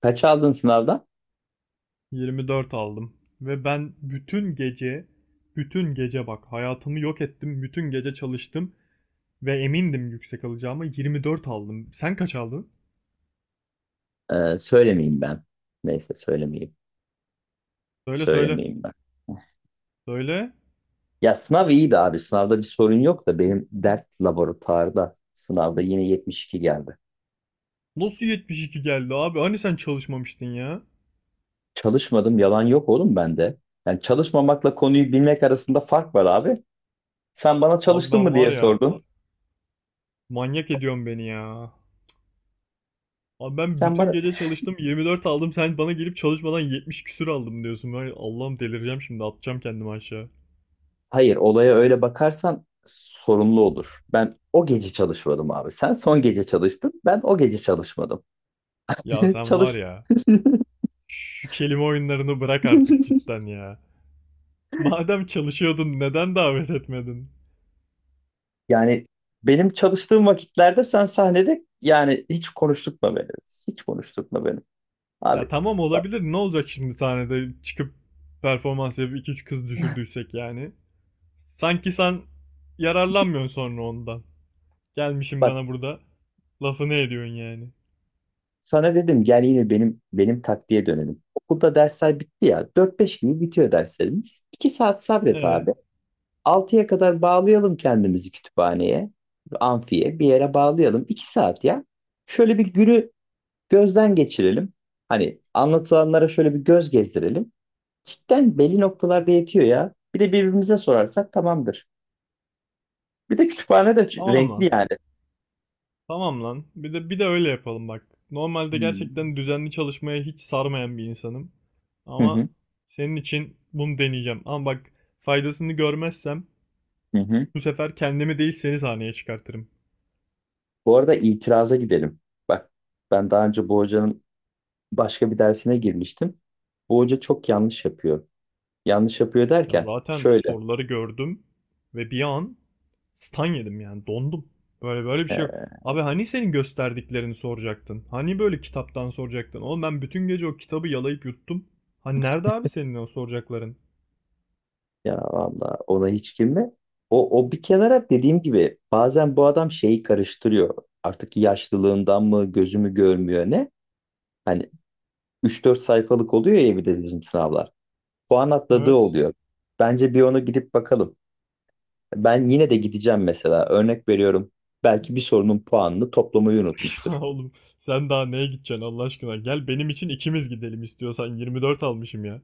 Kaç aldın sınavdan? 24 aldım. Ve ben bütün gece, bütün gece bak hayatımı yok ettim. Bütün gece çalıştım ve emindim yüksek alacağıma 24 aldım. Sen kaç aldın? Söylemeyeyim ben. Neyse söylemeyeyim. Söyle söyle. Söylemeyeyim ben. Söyle. Ya sınav iyiydi abi. Sınavda bir sorun yok da benim dert laboratuvarda sınavda yine 72 geldi. Nasıl 72 geldi abi? Hani sen çalışmamıştın ya? Çalışmadım, yalan yok oğlum bende. Yani çalışmamakla konuyu bilmek arasında fark var abi. Sen bana Abi çalıştın ben mı var diye ya, sordun. manyak ediyorsun beni ya. Abi ben Sen bütün bana gece çalıştım 24 aldım. Sen bana gelip çalışmadan 70 küsür aldım diyorsun. Ben Allah'ım, delireceğim şimdi, atacağım kendimi aşağı. Hayır, olaya öyle bakarsan sorumlu olur. Ben o gece çalışmadım abi. Sen son gece çalıştın. Ben o gece çalışmadım. Ya sen var Çalış. ya, şu kelime oyunlarını bırak artık cidden ya. Madem çalışıyordun neden davet etmedin? Yani benim çalıştığım vakitlerde sen sahnede, yani hiç konuşturtma beni. Hiç konuşturtma beni. Ya Abi tamam, bak olabilir. Ne olacak şimdi sahnede çıkıp performans yapıp iki üç kız düşürdüysek yani. Sanki sen yararlanmıyorsun sonra ondan. Gelmişim bak bana burada lafını ediyorsun yani. sana dedim, gel yine benim taktiğe dönelim. Okulda dersler bitti ya. 4-5 gibi bitiyor derslerimiz. 2 saat sabret Ee, abi. 6'ya kadar bağlayalım kendimizi kütüphaneye, amfiye bir yere bağlayalım. 2 saat ya. Şöyle bir günü gözden geçirelim. Hani anlatılanlara şöyle bir göz gezdirelim. Cidden belli noktalarda yetiyor ya. Bir de birbirimize sorarsak tamamdır. Bir de kütüphane de tamam renkli lan. yani. Tamam lan. Bir de öyle yapalım bak. Normalde Hmm. gerçekten düzenli çalışmaya hiç sarmayan bir insanım. Hı Ama hı, senin için bunu deneyeceğim. Ama bak, faydasını görmezsem hı hı. bu sefer kendimi değil seni sahneye çıkartırım. Bu arada itiraza gidelim. Bak, ben daha önce bu hocanın başka bir dersine girmiştim. Bu hoca çok yanlış yapıyor. Yanlış yapıyor Ya derken zaten şöyle. soruları gördüm ve bir an stan yedim yani dondum. Böyle böyle bir şey yok. e, Abi hani senin gösterdiklerini soracaktın? Hani böyle kitaptan soracaktın? Oğlum ben bütün gece o kitabı yalayıp yuttum. Hani nerede abi senin o soracakların? Ya valla, ona hiç girme. O bir kenara, dediğim gibi bazen bu adam şeyi karıştırıyor. Artık yaşlılığından mı gözümü görmüyor, ne? Hani 3-4 sayfalık oluyor ya bir de bizim sınavlar. Puan atladığı Evet. oluyor. Bence bir onu gidip bakalım. Ben yine de gideceğim mesela. Örnek veriyorum. Belki bir sorunun puanını toplamayı Ya unutmuştur. oğlum, sen daha neye gideceksin Allah aşkına? Gel benim için ikimiz gidelim istiyorsan, 24 almışım ya.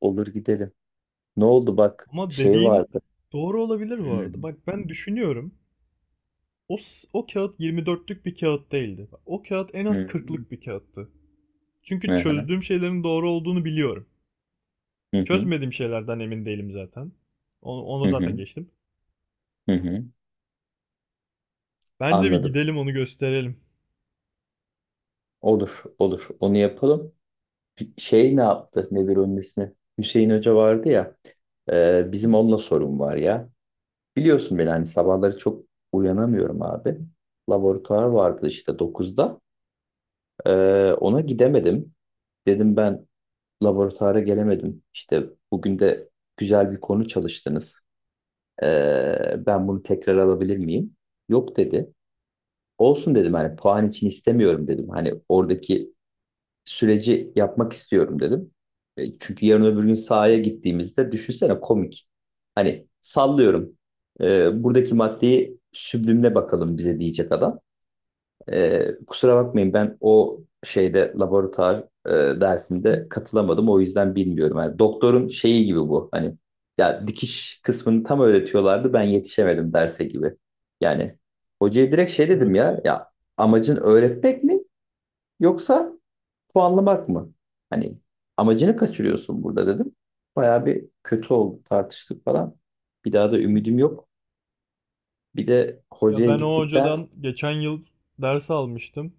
Olur, gidelim. Ne oldu, bak Ama şey dediğin vardı. doğru olabilir Hı bu arada. Bak ben düşünüyorum. O kağıt 24'lük bir kağıt değildi. O kağıt en az hı, 40'lık bir kağıttı. hı Çünkü hı, çözdüğüm şeylerin doğru olduğunu biliyorum. hı hı, Çözmediğim şeylerden emin değilim zaten. Onu hı zaten hı. geçtim. Hı hı. Bence bir Anladım. gidelim onu gösterelim. Olur olur. Onu yapalım. Bir şey ne yaptı? Nedir onun ismi? Hüseyin Hoca vardı ya. Bizim onunla sorun var ya. Biliyorsun beni, hani sabahları çok uyanamıyorum abi. Laboratuvar vardı işte 9'da. Ona gidemedim. Dedim, ben laboratuvara gelemedim. İşte bugün de güzel bir konu çalıştınız. Ben bunu tekrar alabilir miyim? Yok dedi. Olsun dedim, hani puan için istemiyorum dedim. Hani oradaki süreci yapmak istiyorum dedim. Çünkü yarın öbür gün sahaya gittiğimizde, düşünsene, komik. Hani sallıyorum. Buradaki maddeyi süblimle bakalım bize diyecek adam. Kusura bakmayın, ben o şeyde laboratuvar dersinde katılamadım. O yüzden bilmiyorum. Yani doktorun şeyi gibi bu. Hani ya dikiş kısmını tam öğretiyorlardı. Ben yetişemedim derse gibi. Yani hocaya direkt şey dedim ya. Evet. Ya amacın öğretmek mi yoksa puanlamak mı? Hani amacını kaçırıyorsun burada dedim. Bayağı bir kötü oldu, tartıştık falan. Bir daha da ümidim yok. Bir de Ya hocaya ben o gittikten... hocadan geçen yıl ders almıştım.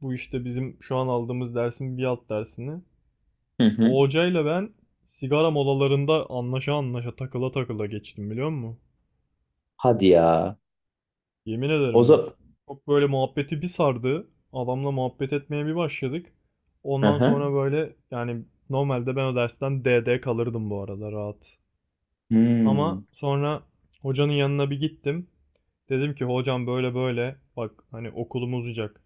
Bu işte bizim şu an aldığımız dersin bir alt dersini. Hı hı. O hocayla ben sigara molalarında anlaşa anlaşa takıla takıla geçtim, biliyor musun? Hadi ya. Yemin ederim O bak. Çok böyle muhabbeti bir sardı. Adamla muhabbet etmeye bir başladık. Ondan sonra zaman... böyle yani normalde ben o dersten DD kalırdım bu arada, rahat. Ama Hmm. sonra hocanın yanına bir gittim. Dedim ki hocam böyle böyle bak, hani okulum uzayacak.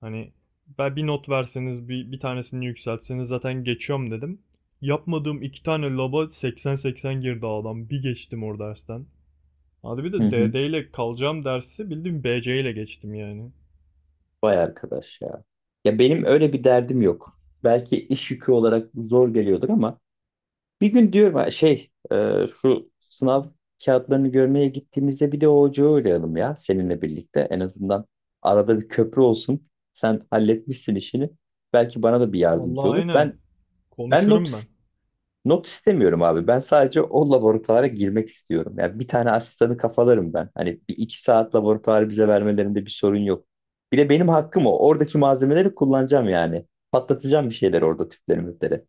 Hani ben bir not verseniz, bir tanesini yükseltseniz zaten geçiyorum dedim. Yapmadığım iki tane laba 80-80 girdi adam. Bir geçtim o dersten. Hadi bir Hı de hı. DD ile kalacağım dersi bildiğin BC ile geçtim yani. Vay arkadaş ya. Ya benim öyle bir derdim yok. Belki iş yükü olarak zor geliyordur ama bir gün diyorum, ha, şu sınav kağıtlarını görmeye gittiğimizde bir de o ocağı uğrayalım ya seninle birlikte. En azından arada bir köprü olsun. Sen halletmişsin işini. Belki bana da bir yardımcı Vallahi olur. aynen. Ben ben not Konuşurum ben. Not istemiyorum abi. Ben sadece o laboratuvara girmek istiyorum. Yani bir tane asistanı kafalarım ben. Hani bir iki saat laboratuvarı bize vermelerinde bir sorun yok. Bir de benim hakkım o. Oradaki malzemeleri kullanacağım yani. Patlatacağım bir şeyler orada, tüpleri müpleri.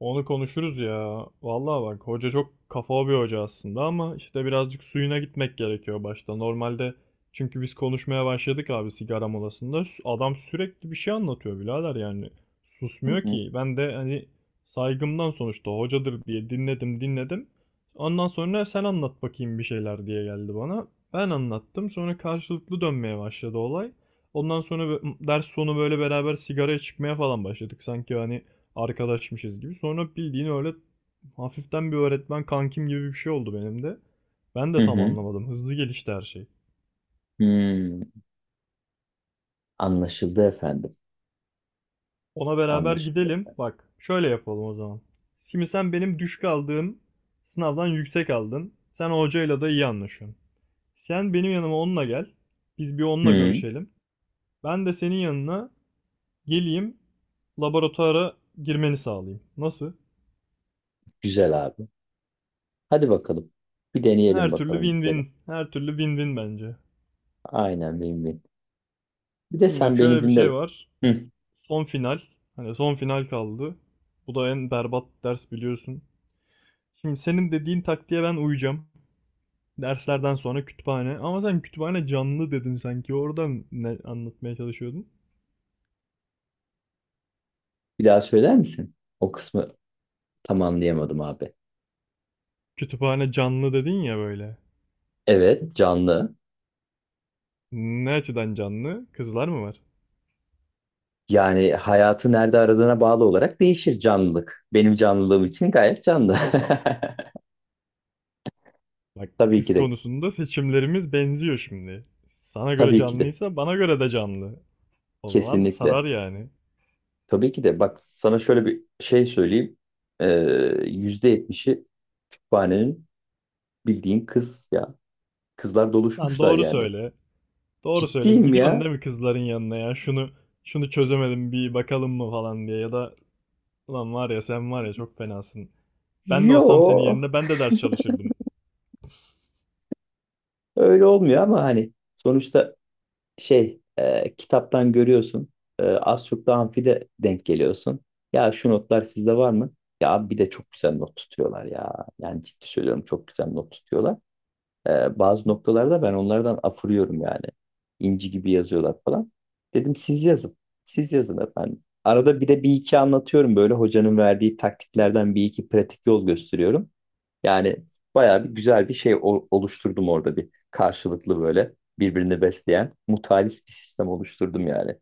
Onu konuşuruz ya. Vallahi bak, hoca çok kafa bir hoca aslında ama işte birazcık suyuna gitmek gerekiyor başta. Normalde çünkü biz konuşmaya başladık abi sigara molasında. Adam sürekli bir şey anlatıyor birader yani. Hı Susmuyor hı. ki. Ben de hani saygımdan sonuçta hocadır diye dinledim dinledim. Ondan sonra sen anlat bakayım bir şeyler diye geldi bana. Ben anlattım. Sonra karşılıklı dönmeye başladı olay. Ondan sonra ders sonu böyle beraber sigaraya çıkmaya falan başladık. Sanki hani arkadaşmışız gibi. Sonra bildiğin öyle hafiften bir öğretmen kankim gibi bir şey oldu benim de. Ben Hı de tam hı. anlamadım. Hızlı gelişti her şey. Hmm. Anlaşıldı efendim. Ona beraber Anlaşıldı gidelim. efendim. Bak şöyle yapalım o zaman. Şimdi sen benim düşük aldığım sınavdan yüksek aldın. Sen hocayla da iyi anlaşıyorsun. Sen benim yanıma onunla gel. Biz bir onunla Hı. görüşelim. Ben de senin yanına geleyim. Laboratuvara girmeni sağlayayım. Nasıl? Güzel abi. Hadi bakalım. Bir deneyelim Her türlü bakalım, gidelim. win-win. Her türlü win-win bence. Aynen. Benim. Bir de Şimdi bak sen beni şöyle bir dinle. şey var. Hı. Son final. Hani son final kaldı. Bu da en berbat ders, biliyorsun. Şimdi senin dediğin taktiğe ben uyacağım. Derslerden sonra kütüphane. Ama sen kütüphane canlı dedin sanki. Oradan ne anlatmaya çalışıyordun? Bir daha söyler misin? O kısmı tam anlayamadım abi. Kütüphane canlı dedin ya böyle. Evet, canlı. Ne açıdan canlı? Kızlar mı var? Yani hayatı nerede aradığına bağlı olarak değişir canlılık. Benim canlılığım için gayet canlı. Bak, Tabii kız ki de. konusunda seçimlerimiz benziyor şimdi. Sana göre Tabii ki de. canlıysa bana göre de canlı. O zaman Kesinlikle. sarar yani. Tabii ki de. Bak sana şöyle bir şey söyleyeyim. Ee, %70'i kütüphanenin bildiğin kız ya. Kızlar Lan doluşmuşlar doğru yani. söyle. Doğru söyle. Ciddiyim Gidiyorsun ya. değil mi kızların yanına ya? Şunu çözemedim bir bakalım mı falan diye, ya da ulan var ya, sen var ya çok fenasın. Ben de olsam senin Yo, yerinde ben de ders çalışırdım. öyle olmuyor ama hani sonuçta kitaptan görüyorsun. Az çok da amfide denk geliyorsun. Ya şu notlar sizde var mı? Ya abi, bir de çok güzel not tutuyorlar ya. Yani ciddi söylüyorum, çok güzel not tutuyorlar. Bazı noktalarda ben onlardan afırıyorum yani. İnci gibi yazıyorlar falan. Dedim siz yazın. Siz yazın efendim. Arada bir de bir iki anlatıyorum böyle, hocanın verdiği taktiklerden bir iki pratik yol gösteriyorum. Yani bayağı bir güzel bir şey oluşturdum orada, bir karşılıklı böyle birbirini besleyen mutualist bir sistem oluşturdum yani.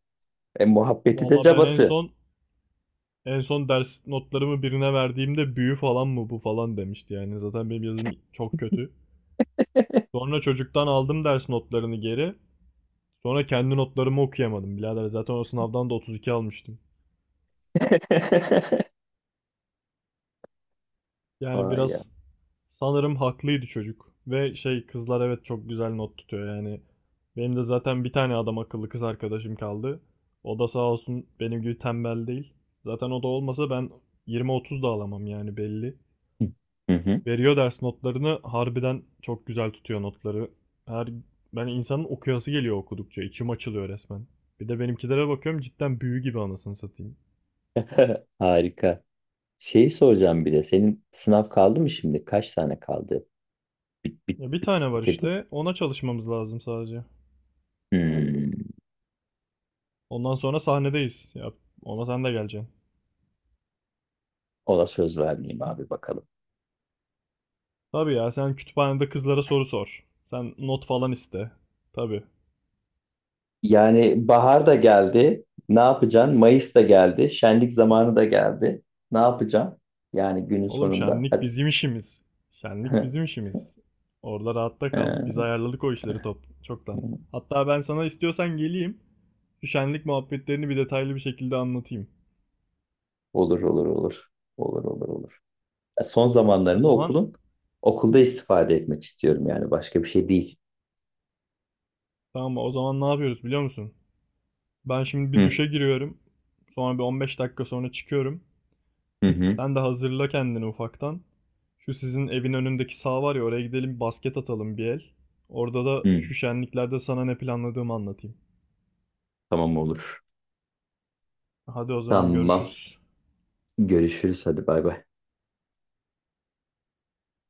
Muhabbeti de Valla ben en cabası. son en son ders notlarımı birine verdiğimde büyü falan mı bu falan demişti yani. Zaten benim yazım çok kötü. Sonra çocuktan aldım ders notlarını geri. Sonra kendi notlarımı okuyamadım. Birader zaten o sınavdan da 32 almıştım. Yani Vay ya. biraz sanırım haklıydı çocuk. Ve şey, kızlar, evet, çok güzel not tutuyor yani. Benim de zaten bir tane adam akıllı kız arkadaşım kaldı. O da sağ olsun benim gibi tembel değil. Zaten o da olmasa ben 20-30 da alamam yani, belli. Hı hı. Veriyor ders notlarını, harbiden çok güzel tutuyor notları. Her, ben insanın okuyası geliyor, okudukça içim açılıyor resmen. Bir de benimkilere bakıyorum cidden büyü gibi, anasını satayım. Harika. Şeyi soracağım bir de. Senin sınav kaldı mı şimdi? Kaç tane kaldı? Bit, bit, Ya bir bit, tane var bitirdi. işte, ona çalışmamız lazım sadece. Hmm. Ondan sonra sahnedeyiz. Ya ona sen de geleceksin. Ona söz vermeyeyim abi, bakalım. Tabii ya, sen kütüphanede kızlara soru sor. Sen not falan iste. Tabii. Yani bahar da geldi. Ne yapacaksın? Mayıs da geldi. Şenlik zamanı da geldi. Ne yapacaksın? Yani günün Oğlum sonunda. şenlik Hadi. bizim işimiz. Şenlik bizim işimiz. Orada rahatta kal. Biz Ee, ayarladık o işleri top çoktan. Hatta ben sana istiyorsan geleyim. Şu şenlik muhabbetlerini bir detaylı bir şekilde anlatayım. Olur olur olur. Olur olur olur. Son O zamanlarını zaman okulda istifade etmek istiyorum, yani başka bir şey değil. tamam, o zaman ne yapıyoruz biliyor musun? Ben şimdi bir Hı duşa giriyorum. Sonra bir 15 dakika sonra çıkıyorum. hı hı. Sen de hazırla kendini ufaktan. Şu sizin evin önündeki saha var ya, oraya gidelim basket atalım bir el. Orada da Hı. şu şenliklerde sana ne planladığımı anlatayım. Tamam olur. Hadi o zaman Tamam. görüşürüz. Görüşürüz, hadi bay bay.